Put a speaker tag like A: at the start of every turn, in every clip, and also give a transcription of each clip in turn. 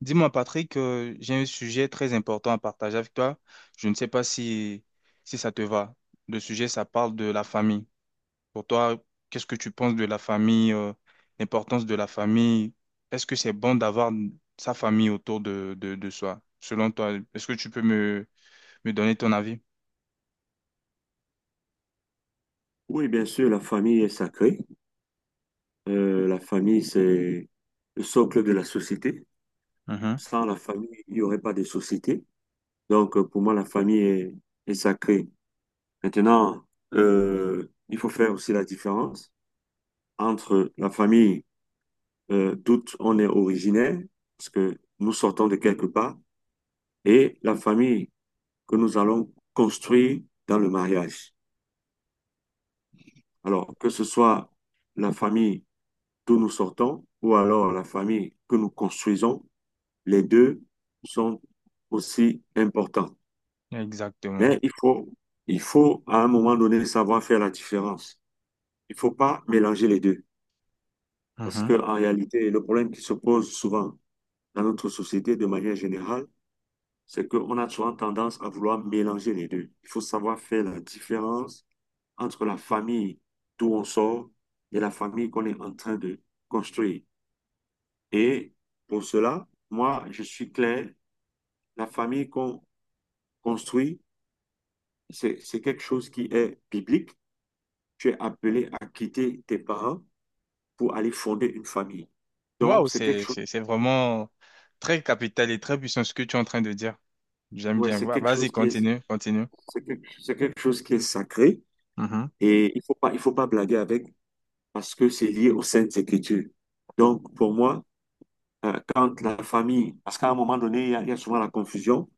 A: Dis-moi, Patrick, j'ai un sujet très important à partager avec toi. Je ne sais pas si ça te va. Le sujet, ça parle de la famille. Pour toi, qu'est-ce que tu penses de la famille, l'importance de la famille? Est-ce que c'est bon d'avoir sa famille autour de soi? Selon toi, est-ce que tu peux me donner ton avis?
B: Oui, bien sûr, la famille est sacrée. La famille, c'est le socle de la société.
A: Mhm.
B: Sans la famille, il n'y aurait pas de société. Donc, pour moi, la famille est sacrée. Maintenant, il faut faire aussi la différence entre la famille d'où on est originaire, parce que nous sortons de quelque part, et la famille que nous allons construire dans le mariage. Alors, que ce soit la famille d'où nous sortons ou alors la famille que nous construisons, les deux sont aussi importants.
A: Exactement.
B: Mais il faut, il faut à un moment donné savoir faire la différence. Il ne faut pas mélanger les deux. Parce
A: Mhm.
B: qu'en réalité, le problème qui se pose souvent dans notre société de manière générale, c'est qu'on a souvent tendance à vouloir mélanger les deux. Il faut savoir faire la différence entre la famille d'où on sort et la famille qu'on est en train de construire. Et pour cela, moi, je suis clair, la famille qu'on construit c'est quelque chose qui est biblique. Tu es appelé à quitter tes parents pour aller fonder une famille. Donc,
A: Waouh,
B: c'est quelque
A: c'est,
B: chose,
A: c'est, c'est vraiment très capital et très puissant ce que tu es en train de dire. J'aime
B: ouais,
A: bien. Vas-y, continue, continue.
B: c'est quelque chose qui est sacré
A: Mhm.
B: et il faut pas blaguer avec parce que c'est lié aux Saintes Écritures. Donc, pour moi, quand la famille, parce qu'à un moment donné, il y a souvent la confusion,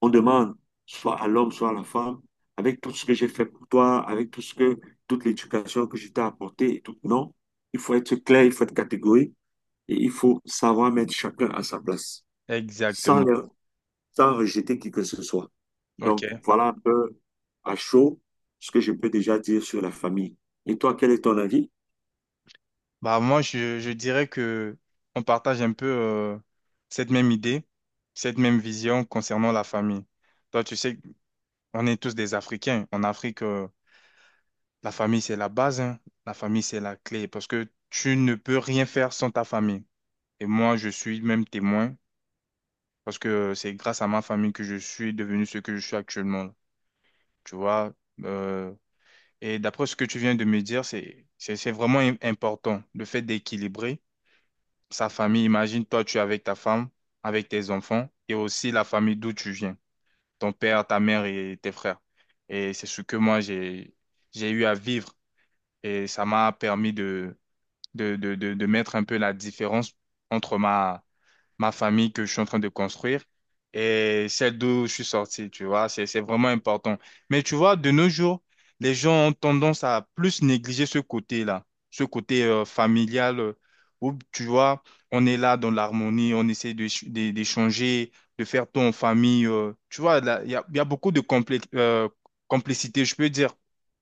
B: on demande soit à l'homme, soit à la femme, avec tout ce que j'ai fait pour toi, avec tout ce que, toute l'éducation que je t'ai apportée et tout. Non, il faut être clair, il faut être catégorique. Et il faut savoir mettre chacun à sa place, sans,
A: Exactement.
B: le- sans rejeter qui que ce soit. Donc,
A: Ok.
B: voilà un peu à chaud ce que je peux déjà dire sur la famille. Et toi, quel est ton avis?
A: Bah je dirais que on partage un peu cette même idée, cette même vision concernant la famille. Toi tu sais, on est tous des Africains. En Afrique, la famille c'est la base, hein. La famille c'est la clé parce que tu ne peux rien faire sans ta famille. Et moi je suis même témoin parce que c'est grâce à ma famille que je suis devenu ce que je suis actuellement. Là. Tu vois. euh, et d'après ce que tu viens de me dire, c'est vraiment important le fait d'équilibrer sa famille. Imagine, toi, tu es avec ta femme, avec tes enfants et aussi la famille d'où tu viens, ton père, ta mère et tes frères. Et c'est ce que moi, j'ai eu à vivre et ça m'a permis de mettre un peu la différence entre ma famille que je suis en train de construire et celle d'où je suis sorti, tu vois, c'est vraiment important. Mais tu vois, de nos jours, les gens ont tendance à plus négliger ce côté-là, ce côté familial où, tu vois, on est là dans l'harmonie, on essaie d'échanger, de faire tout en famille. Tu vois, là, il y a beaucoup de complicité, je peux dire,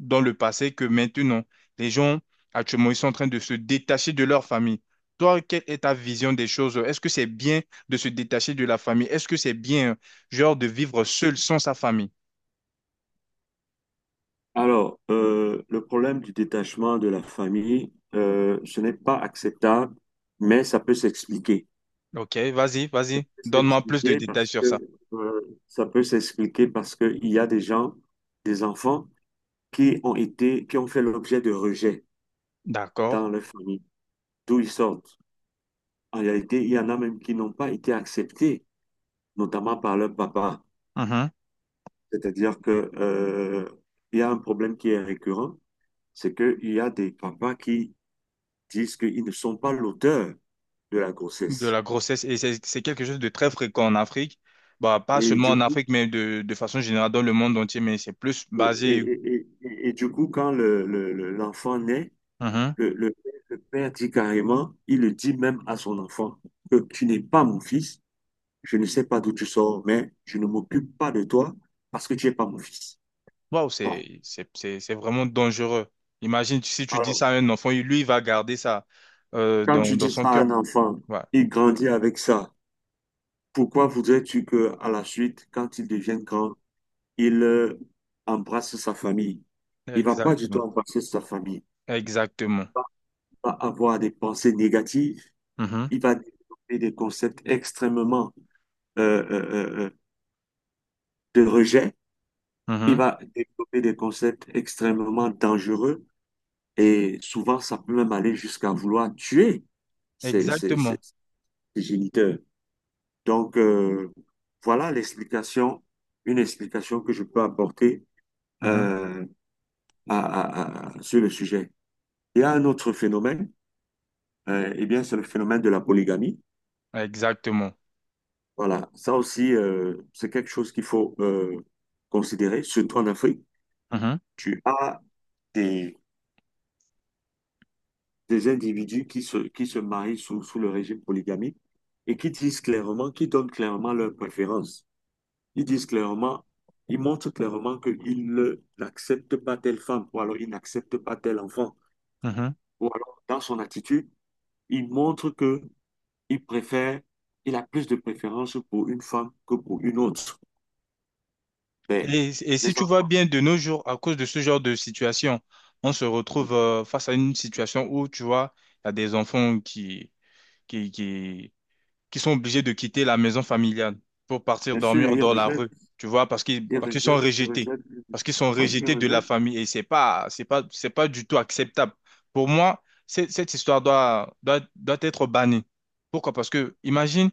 A: dans le passé que maintenant, les gens, actuellement, ils sont en train de se détacher de leur famille. Toi, quelle est ta vision des choses? Est-ce que c'est bien de se détacher de la famille? Est-ce que c'est bien, genre, de vivre seul sans sa famille?
B: Alors, le problème du détachement de la famille, ce n'est pas acceptable, mais ça peut s'expliquer.
A: Ok, vas-y, vas-y.
B: Ça peut
A: Donne-moi plus de
B: s'expliquer
A: détails
B: parce
A: sur ça.
B: que, ça peut s'expliquer parce qu'il y a des gens, des enfants, qui ont fait l'objet de rejet
A: D'accord.
B: dans leur famille, d'où ils sortent. En réalité, il y en a même qui n'ont pas été acceptés, notamment par leur papa.
A: Mhm.
B: C'est-à-dire que, il y a un problème qui est récurrent, c'est qu'il y a des papas qui disent qu'ils ne sont pas l'auteur de la
A: De
B: grossesse.
A: la grossesse, et c'est quelque chose de très fréquent en Afrique. Bah, pas
B: Et
A: seulement
B: du
A: en
B: coup,
A: Afrique, mais de façon générale dans le monde entier, mais c'est plus
B: et,
A: basé.
B: et- et- et- et du coup, quand l'enfant naît,
A: Mhm.
B: le, le le père dit carrément, il le dit même à son enfant, que tu n'es pas mon fils, je ne sais pas d'où tu sors, mais je ne m'occupe pas de toi parce que tu n'es pas mon fils.
A: Waouh,
B: Bon,
A: c'est vraiment dangereux. Imagine si tu dis
B: alors,
A: ça à un enfant, lui, il va garder ça
B: quand tu
A: dans
B: dis
A: son
B: ça à
A: cœur.
B: un enfant,
A: Ouais,
B: il grandit avec ça. Pourquoi voudrais-tu que, à la suite, quand il devienne grand, il embrasse sa famille? Il va pas du tout
A: exactement.
B: embrasser sa famille.
A: Exactement.
B: Il va avoir des pensées négatives.
A: Mhm.
B: Il va développer des concepts extrêmement euh, euh, euh, euh, de rejet. Il
A: Mhm.
B: va développer des concepts extrêmement dangereux. Et souvent, ça peut même aller jusqu'à vouloir tuer ses, ses, ses-
A: Exactement.
B: ses géniteurs. Donc, voilà l'explication, une explication que je peux apporter
A: Mhm.
B: euh, à- sur le sujet. Il y a un autre phénomène, eh bien, c'est le phénomène de la polygamie.
A: Exactement.
B: Voilà, ça aussi, c'est quelque chose qu'il faut considérer, surtout en Afrique.
A: Mhm.
B: Tu as des, des individus qui se marient sous le régime polygamique et qui disent clairement, qui donnent clairement leurs préférences. Ils disent clairement, ils montrent clairement qu'ils n'acceptent pas telle femme, ou alors ils n'acceptent pas tel enfant,
A: Mhm.
B: ou alors dans son attitude, ils montrent que il préfère, il a plus de préférence pour une femme que pour une autre. Mais
A: Et si
B: les
A: tu vois
B: enfants,
A: bien, de nos jours, à cause de ce genre de situation, on se
B: hmm,
A: retrouve face à une situation où, tu vois, il y a des enfants qui, qui, qui, qui sont obligés de quitter la maison familiale pour partir
B: bien sûr,
A: dormir
B: ils
A: dans la rue,
B: rejettent,
A: tu vois,
B: ils
A: parce qu'ils sont
B: rejettent, ils
A: rejetés,
B: rejettent, ils
A: parce qu'ils
B: rejettent.
A: sont
B: Ouais, ils
A: rejetés de la
B: rejettent.
A: famille. Et c'est pas du tout acceptable. Pour moi, cette histoire doit être bannie. Pourquoi? Parce que, imagine,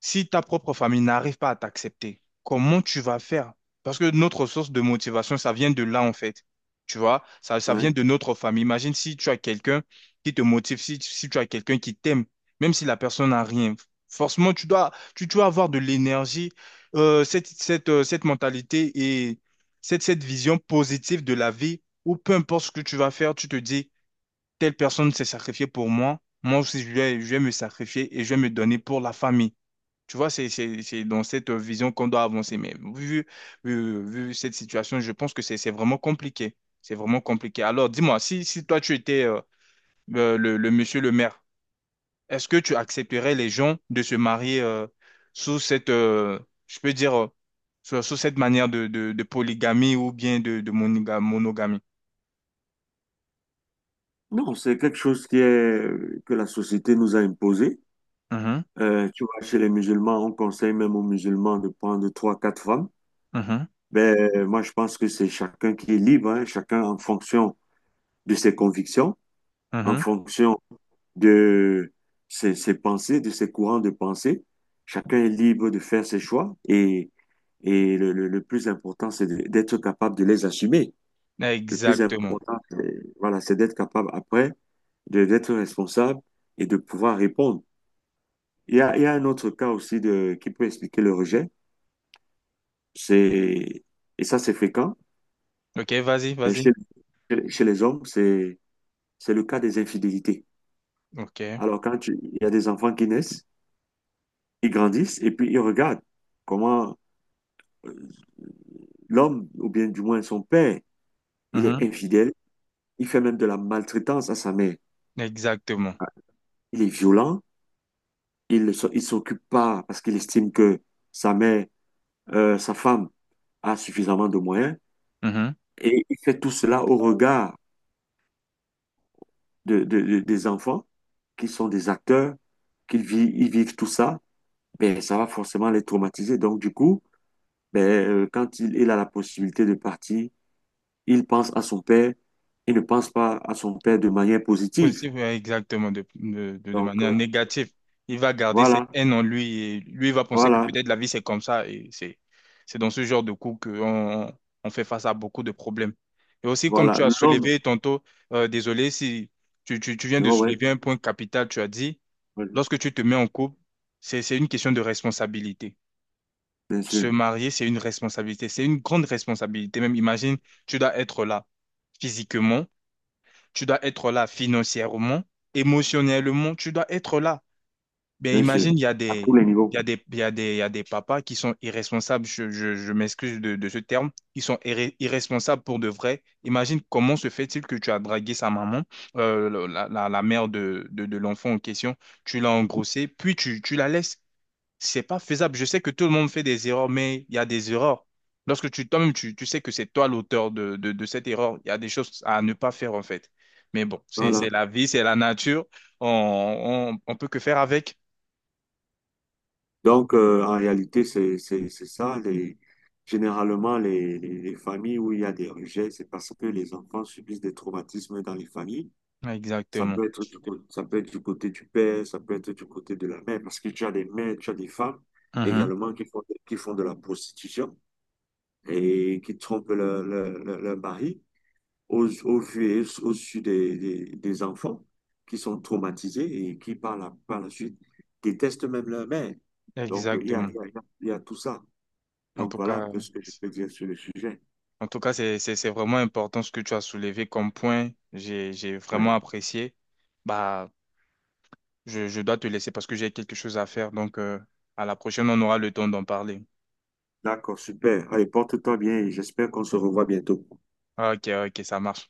A: si ta propre famille n'arrive pas à t'accepter, comment tu vas faire? Parce que notre source de motivation, ça vient de là, en fait. Tu vois, ça vient
B: Ouais.
A: de notre famille. Imagine si tu as quelqu'un qui te motive, si tu as quelqu'un qui t'aime, même si la personne n'a rien. Forcément, tu dois avoir de l'énergie, cette mentalité et cette vision positive de la vie, où peu importe ce que tu vas faire, tu te dis, telle personne s'est sacrifiée pour moi, moi aussi je vais me sacrifier et je vais me donner pour la famille. Tu vois, c'est dans cette vision qu'on doit avancer. Mais vu cette situation, je pense que c'est vraiment compliqué. C'est vraiment compliqué. Alors, dis-moi, si toi, tu étais le monsieur le maire, est-ce que tu accepterais les gens de se marier sous cette, je peux dire, sous cette manière de polygamie ou bien de monogamie?
B: Non, c'est quelque chose qui est, que la société nous a imposé.
A: Mhm.
B: Tu vois, chez les musulmans, on conseille même aux musulmans de prendre trois, quatre femmes.
A: Mhm.
B: Ben, moi, je pense que c'est chacun qui est libre, hein, chacun en fonction de ses convictions, en
A: Mhm.
B: fonction de ses pensées, de ses courants de pensée. Chacun est libre de faire ses choix et le plus important, c'est d'être capable de les assumer. Le plus
A: Exactement.
B: important, euh, voilà, c'est d'être capable après d'être responsable et de pouvoir répondre. Il y a un autre cas aussi de, qui peut expliquer le rejet, c'est, et ça, c'est fréquent,
A: OK, vas-y,
B: et
A: vas-y.
B: chez les hommes, c'est le cas des infidélités.
A: OK.
B: Alors, il y a des enfants qui naissent, ils grandissent et puis ils regardent comment euh, l'homme, ou bien du moins son père, il est
A: Mhm.
B: infidèle, il fait même de la maltraitance à sa mère.
A: Exactement.
B: Il est violent, il s'occupe pas parce qu'il estime que sa mère, sa femme, a suffisamment de moyens. Et il fait tout cela au regard des enfants qui sont des acteurs, ils vivent tout ça. Ben, ça va forcément les traumatiser. Donc, du coup, ben, quand il a la possibilité de partir, il pense à son père il ne pense pas à son père de manière positive.
A: Positif, ouais, exactement, de
B: Donc,
A: manière négative. Il va garder cette
B: voilà,
A: haine en lui et lui il va penser que
B: voilà,
A: peut-être la vie c'est comme ça et c'est dans ce genre de coup qu'on on fait face à beaucoup de problèmes. Et aussi, comme tu
B: voilà.
A: as
B: L'homme,
A: soulevé tantôt, désolé si tu viens
B: tu
A: de
B: vois, ouais,
A: soulever un point capital, tu as dit,
B: ouais,
A: lorsque tu te mets en couple, c'est une question de responsabilité.
B: bien
A: Se
B: sûr,
A: marier, c'est une responsabilité, c'est une grande responsabilité. Même imagine, tu dois être là physiquement, tu dois être là financièrement, émotionnellement, tu dois être là. Ben
B: bien sûr,
A: imagine, il y a
B: à tous
A: des,
B: les
A: il
B: niveaux.
A: y a des, il y a des, il y a des papas qui sont irresponsables, je m'excuse de ce terme, ils sont irresponsables pour de vrai. Imagine comment se fait-il que tu as dragué sa maman, la mère de l'enfant en question, tu l'as engrossée, puis tu la laisses. C'est pas faisable. Je sais que tout le monde fait des erreurs, mais il y a des erreurs. Lorsque toi-même, tu sais que c'est toi l'auteur de cette erreur, il y a des choses à ne pas faire, en fait. Mais bon, c'est
B: Voilà.
A: la vie, c'est la nature. On, on peut que faire avec.
B: Donc, en réalité, c'est ça. Généralement, les familles où il y a des rejets, c'est parce que les enfants subissent des traumatismes dans les familles. Ça
A: Exactement.
B: peut être ça peut être du côté du père, ça peut être du côté de la mère, parce que tu as des mères, tu as des femmes
A: Mhm.
B: également qui font de la prostitution et qui trompent leur mari au, au vu et au su des enfants qui sont traumatisés et qui, par la suite, détestent même leur mère. Donc, il y a,
A: Exactement.
B: il y a, il y a il y a tout ça.
A: En
B: Donc,
A: tout
B: voilà un
A: cas,
B: peu ce que je peux dire sur le sujet.
A: en tout cas, c'est vraiment important ce que tu as soulevé comme point. J'ai vraiment
B: Ouais.
A: apprécié. Bah, je dois te laisser parce que j'ai quelque chose à faire. Donc, à la prochaine, on aura le temps d'en parler.
B: D'accord, super. Allez, porte-toi bien et j'espère qu'on se revoit bientôt.
A: Ok, ok, ça marche.